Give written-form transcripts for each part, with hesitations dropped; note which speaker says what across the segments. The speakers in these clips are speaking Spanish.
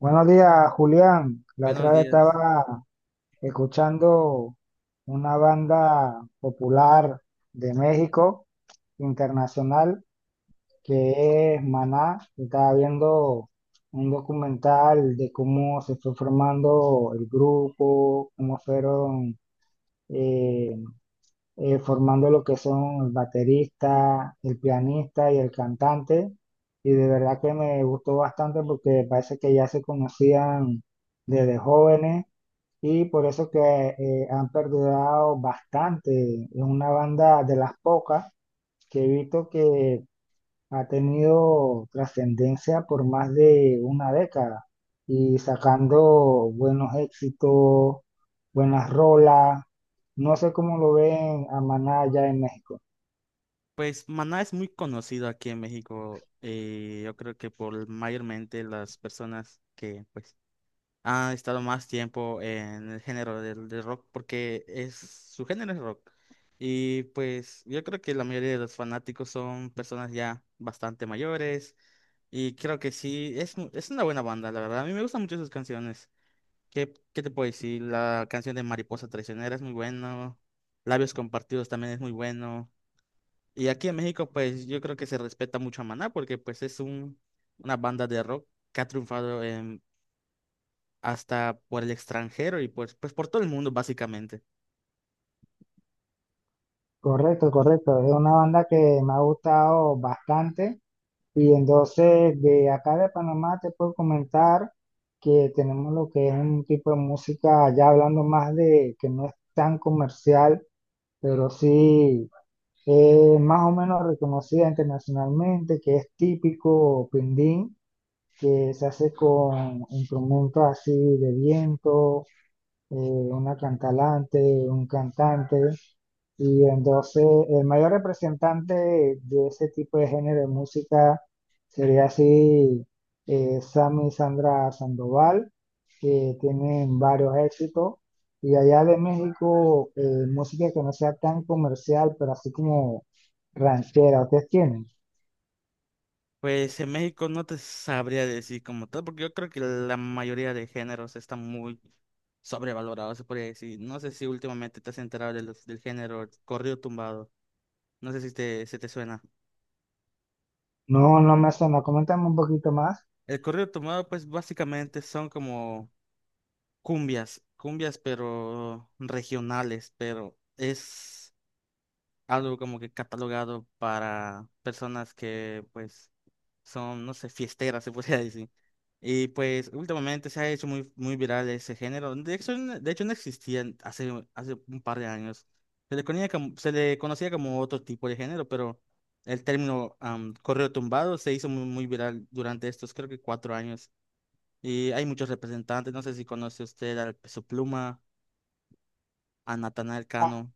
Speaker 1: Buenos días, Julián. La
Speaker 2: Buenos
Speaker 1: otra vez
Speaker 2: días.
Speaker 1: estaba escuchando una banda popular de México, internacional, que es Maná. Y estaba viendo un documental de cómo se fue formando el grupo, cómo fueron eh, formando lo que son el baterista, el pianista y el cantante. Y de verdad que me gustó bastante porque parece que ya se conocían desde jóvenes y por eso que han perdurado bastante. Es una banda de las pocas que he visto que ha tenido trascendencia por más de una década y sacando buenos éxitos, buenas rolas. No sé cómo lo ven a Maná allá en México.
Speaker 2: Pues Maná es muy conocido aquí en México. Yo creo que por mayormente las personas que pues han estado más tiempo en el género del rock, porque es su género es rock. Y pues yo creo que la mayoría de los fanáticos son personas ya bastante mayores. Y creo que sí, es, es una buena banda, la verdad. A mí me gustan mucho sus canciones. ¿Qué te puedo decir? La canción de Mariposa Traicionera es muy buena. Labios Compartidos también es muy bueno. Y aquí en México, pues yo creo que se respeta mucho a Maná porque pues es una banda de rock que ha triunfado hasta por el extranjero y pues por todo el mundo básicamente.
Speaker 1: Correcto, correcto. Es una banda que me ha gustado bastante. Y entonces de acá de Panamá te puedo comentar que tenemos lo que es un tipo de música, ya hablando más de que no es tan comercial, pero sí es más o menos reconocida internacionalmente, que es típico pindín, que se hace con instrumentos así de viento, una cantalante, un cantante, y entonces el mayor representante de ese tipo de género de música sería así Sammy y Sandra Sandoval, que tienen varios éxitos. Y allá de México, música que no sea tan comercial, pero así como ranchera, ¿ustedes tienen?
Speaker 2: Pues en México no te sabría decir como tal, porque yo creo que la mayoría de géneros están muy sobrevalorados, se podría decir. No sé si últimamente te has enterado de del género corrido tumbado. No sé si te, se te suena.
Speaker 1: No, no me suena, coméntame un poquito más.
Speaker 2: El corrido tumbado, pues básicamente son como cumbias pero regionales, pero es algo como que catalogado para personas que pues son, no sé, fiesteras, se podría decir. Y pues últimamente se ha hecho muy viral ese género. De hecho, de hecho no existía hace un par de años. Se le conocía como otro tipo de género, pero el término correo tumbado se hizo muy viral durante estos, creo que 4 años. Y hay muchos representantes, no sé si conoce usted al Peso Pluma a Natanael Cano.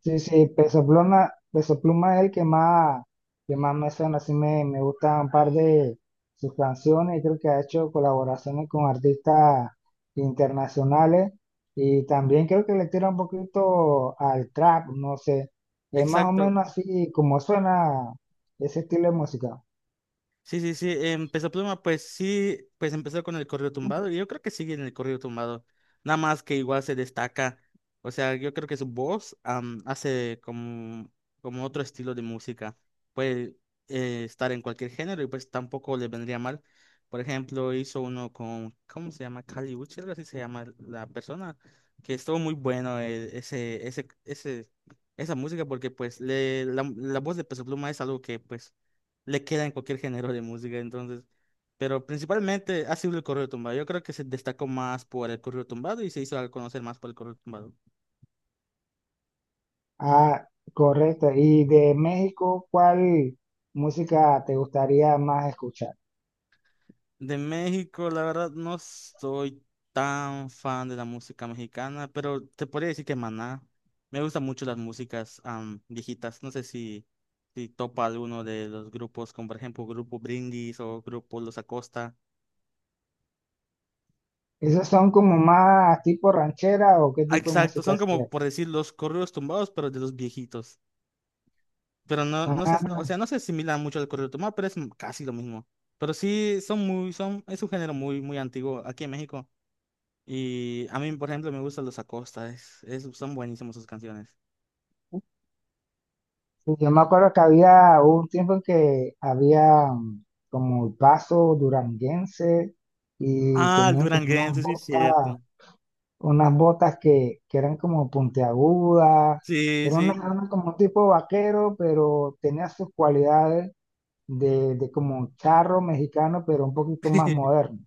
Speaker 1: Sí, sí, Peso Pluma, Peso Pluma es el que más me suena, así me, me gusta un par de sus canciones, creo que ha hecho colaboraciones con artistas internacionales y también creo que le tira un poquito al trap, no sé, es más o
Speaker 2: Exacto.
Speaker 1: menos así como suena ese estilo de música.
Speaker 2: Sí, sí, sí, empezó Pluma, pues sí, pues empezó con el corrido tumbado y yo creo que sigue en el corrido tumbado, nada más que igual se destaca, o sea, yo creo que su voz hace como, como otro estilo de música, puede estar en cualquier género y pues tampoco le vendría mal, por ejemplo, hizo uno con, ¿cómo se llama? Kali Uchis, algo así se llama la persona, que estuvo muy bueno ese, esa música porque pues la voz de Peso Pluma es algo que pues le queda en cualquier género de música, entonces. Pero principalmente ha sido el corrido tumbado. Yo creo que se destacó más por el corrido tumbado y se hizo al conocer más por el corrido tumbado.
Speaker 1: Ah, correcto, y de México, ¿cuál música te gustaría más escuchar?
Speaker 2: De México, la verdad, no soy tan fan de la música mexicana, pero te podría decir que Maná. Me gustan mucho las músicas viejitas. No sé si, si topa alguno de los grupos, como por ejemplo Grupo Brindis o Grupo Los Acosta.
Speaker 1: ¿Esos son como más tipo ranchera o qué
Speaker 2: Ah,
Speaker 1: tipo de
Speaker 2: exacto,
Speaker 1: música
Speaker 2: son
Speaker 1: es?
Speaker 2: como por decir los corridos tumbados, pero de los viejitos. Pero no, no se, no, o
Speaker 1: Ah,
Speaker 2: sea, no se asimila mucho al corrido tumbado, pero es casi lo mismo. Pero sí, son muy, son, es un género muy antiguo aquí en México. Y a mí, por ejemplo, me gustan los Acosta, es, son buenísimos sus canciones.
Speaker 1: sí, yo me acuerdo que había hubo un tiempo en que había como el paso duranguense y
Speaker 2: Ah, el
Speaker 1: tenían como
Speaker 2: duranguense, sí, es cierto.
Speaker 1: unas botas que eran como puntiagudas,
Speaker 2: Sí,
Speaker 1: era una,
Speaker 2: sí.
Speaker 1: era como un tipo vaquero, pero tenía sus cualidades de como un charro mexicano, pero un poquito más moderno.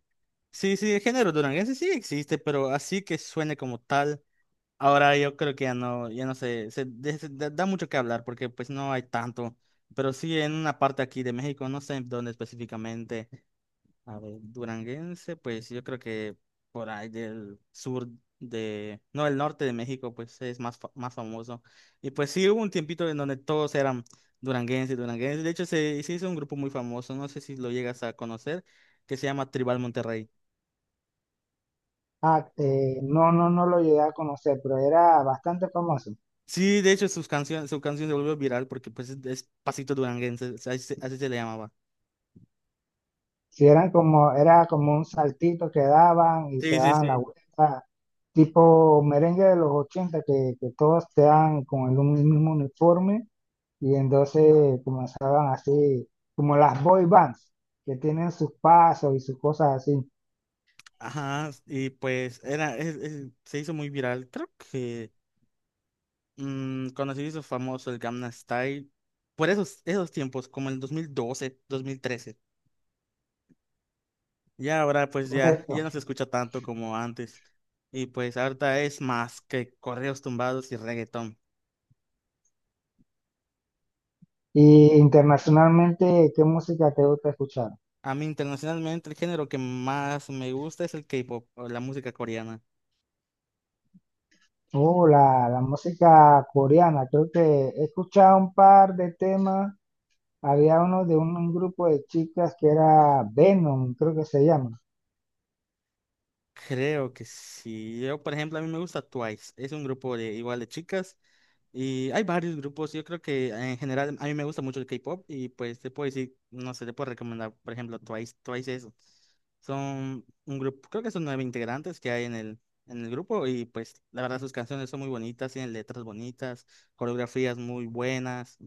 Speaker 2: Sí, sí, el género duranguense sí existe, pero así que suene como tal. Ahora yo creo que ya no, ya no sé, se, da mucho que hablar porque pues no hay tanto. Pero sí en una parte aquí de México, no sé dónde específicamente. A ver, duranguense, pues yo creo que por ahí del sur de, no, el norte de México, pues es más, más famoso. Y pues sí, hubo un tiempito en donde todos eran duranguenses. De hecho, se hizo un grupo muy famoso, no sé si lo llegas a conocer, que se llama Tribal Monterrey.
Speaker 1: Ah, no, no, no lo llegué a conocer, pero era bastante famoso.
Speaker 2: Sí, de hecho, sus canciones, su canción se volvió viral porque pues es pasito duranguense, o sea, así se le llamaba.
Speaker 1: Si eran como, era como un saltito que daban y se
Speaker 2: Sí, sí,
Speaker 1: daban la
Speaker 2: sí.
Speaker 1: vuelta, tipo merengue de los 80 que todos te dan con mismo uniforme y entonces comenzaban así, como las boy bands, que tienen sus pasos y sus cosas así,
Speaker 2: Ajá, y pues era, se hizo muy viral, creo. Mm, cuando se hizo famoso el Gangnam Style, por esos tiempos, como el 2012, 2013. Ya ahora pues ya,
Speaker 1: correcto.
Speaker 2: ya no se escucha tanto como antes. Y pues ahorita es más que correos tumbados y reggaetón.
Speaker 1: Y internacionalmente, ¿qué música te gusta escuchar?
Speaker 2: A mí internacionalmente el género que más me gusta es el K-pop, o la música coreana.
Speaker 1: Oh, la música coreana, creo que he escuchado un par de temas. Había uno de un grupo de chicas que era Venom, creo que se llama.
Speaker 2: Creo que sí. Yo, por ejemplo, a mí me gusta Twice. Es un grupo de igual de chicas. Y hay varios grupos, yo creo que en general a mí me gusta mucho el K-pop y pues te puedo decir, no sé, te puedo recomendar, por ejemplo, Twice eso. Son un grupo, creo que son 9 integrantes que hay en el grupo y pues la verdad sus canciones son muy bonitas, tienen letras bonitas, coreografías muy buenas.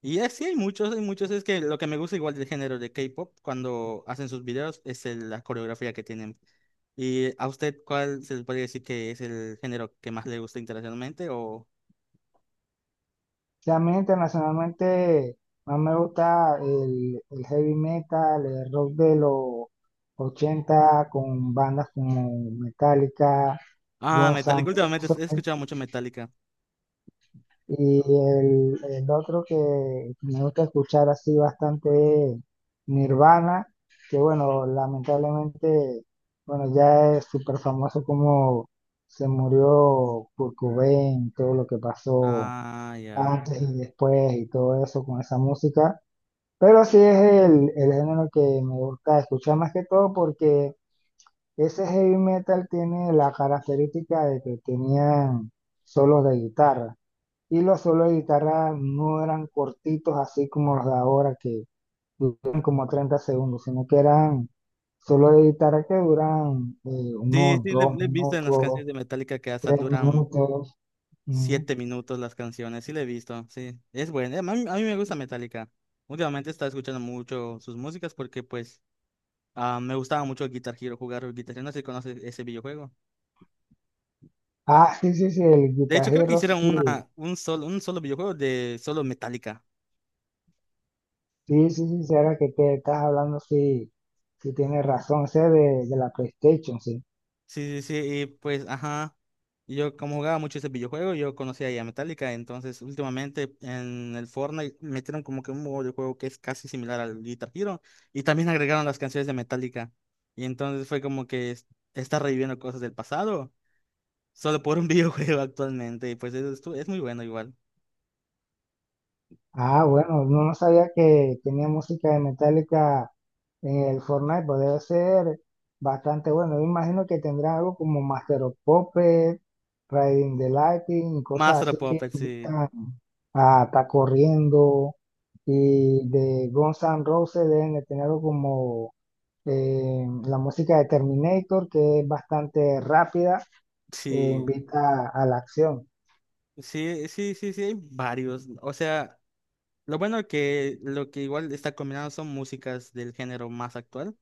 Speaker 2: Y sí hay muchos, es que lo que me gusta igual del género de K-pop cuando hacen sus videos es la coreografía que tienen. ¿Y a usted cuál se le podría decir que es el género que más le gusta internacionalmente o...
Speaker 1: También internacionalmente, más me gusta el heavy metal, el rock de los 80 con bandas como Metallica,
Speaker 2: Ah,
Speaker 1: Guns
Speaker 2: Metallica.
Speaker 1: N'
Speaker 2: Últimamente he
Speaker 1: Roses.
Speaker 2: escuchado mucho Metallica.
Speaker 1: Y el otro que me gusta escuchar así bastante es Nirvana, que bueno, lamentablemente, bueno, ya es súper famoso como se murió Kurt Cobain, todo lo que pasó
Speaker 2: Ah, ya.
Speaker 1: antes y después y todo eso con esa música. Pero sí es el género que me gusta escuchar más que todo porque ese heavy metal tiene la característica de que tenían solos de guitarra. Y los solos de guitarra no eran cortitos así como los de ahora que duran como 30 segundos, sino que eran solos de guitarra que duran
Speaker 2: Sí,
Speaker 1: unos
Speaker 2: sí,
Speaker 1: dos
Speaker 2: le he visto en las
Speaker 1: minutos,
Speaker 2: canciones de Metallica que hasta
Speaker 1: tres
Speaker 2: duran
Speaker 1: minutos. ¿No?
Speaker 2: 7 minutos las canciones. Sí, le he visto. Sí, es bueno. A mí me gusta Metallica. Últimamente estaba escuchando mucho sus músicas porque, pues, ah, me gustaba mucho Guitar Hero, jugar Guitar Hero. No sé si conoces ese videojuego.
Speaker 1: Ah, sí, sí, sí, el
Speaker 2: De hecho, creo que
Speaker 1: guitarrero
Speaker 2: hicieron
Speaker 1: sí,
Speaker 2: un solo videojuego de solo Metallica.
Speaker 1: sí, sí, sí, sí, ahora que te estás hablando, sí, sí tienes razón, ese de la PlayStation, sí.
Speaker 2: Sí, sí, sí, y pues, ajá, yo como jugaba mucho ese videojuego, yo conocía ya Metallica, entonces últimamente en el Fortnite metieron como que un modo de juego que es casi similar al Guitar Hero, y también agregaron las canciones de Metallica, y entonces fue como que está reviviendo cosas del pasado, solo por un videojuego actualmente, y pues eso es, muy bueno igual.
Speaker 1: Ah, bueno, no, no sabía que tenía música de Metallica en el Fortnite, pues debe ser bastante bueno. Yo imagino que tendrá algo como Master of Puppets, Riding the Lightning, y cosas
Speaker 2: Master of
Speaker 1: así que
Speaker 2: Puppets, sí,
Speaker 1: invitan a estar corriendo. Y de Guns N' Roses deben de tener algo como la música de Terminator, que es bastante rápida e
Speaker 2: sí,
Speaker 1: invita a la acción.
Speaker 2: sí, sí, sí, sí, hay varios, o sea, lo bueno que lo que igual está combinado son músicas del género más actual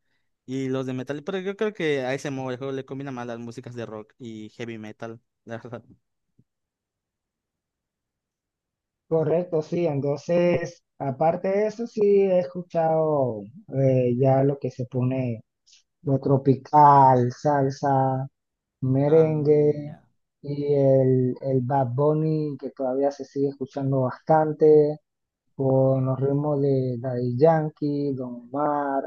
Speaker 2: y los de metal, pero yo creo que a ese modo el juego le combina más las músicas de rock y heavy metal, la verdad.
Speaker 1: Correcto, sí. Entonces, aparte de eso, sí he escuchado ya lo que se pone, lo tropical, salsa,
Speaker 2: Ah,
Speaker 1: merengue
Speaker 2: ya.
Speaker 1: y el Bad Bunny que todavía se sigue escuchando bastante con los ritmos de Daddy Yankee, Don Omar,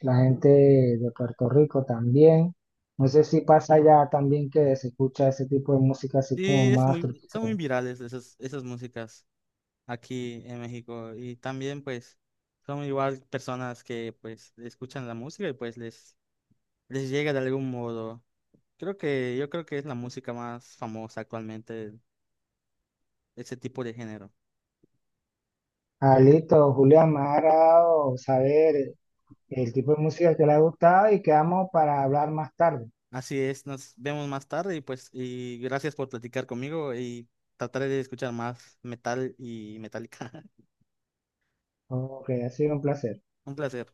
Speaker 1: la gente de Puerto Rico también. No sé si pasa ya también que se escucha ese tipo de música así
Speaker 2: Sí,
Speaker 1: como
Speaker 2: es
Speaker 1: más
Speaker 2: muy, son muy
Speaker 1: tropical.
Speaker 2: virales esas músicas aquí en México y también pues son igual personas que pues escuchan la música y pues les llega de algún modo. Creo que yo creo que es la música más famosa actualmente, ese tipo de género.
Speaker 1: Ah, listo, Julián, me ha agradado saber el tipo de música que le ha gustado y quedamos para hablar más tarde.
Speaker 2: Así es, nos vemos más tarde y pues y gracias por platicar conmigo y trataré de escuchar más metal y metálica.
Speaker 1: Ok, ha sido un placer.
Speaker 2: Un placer.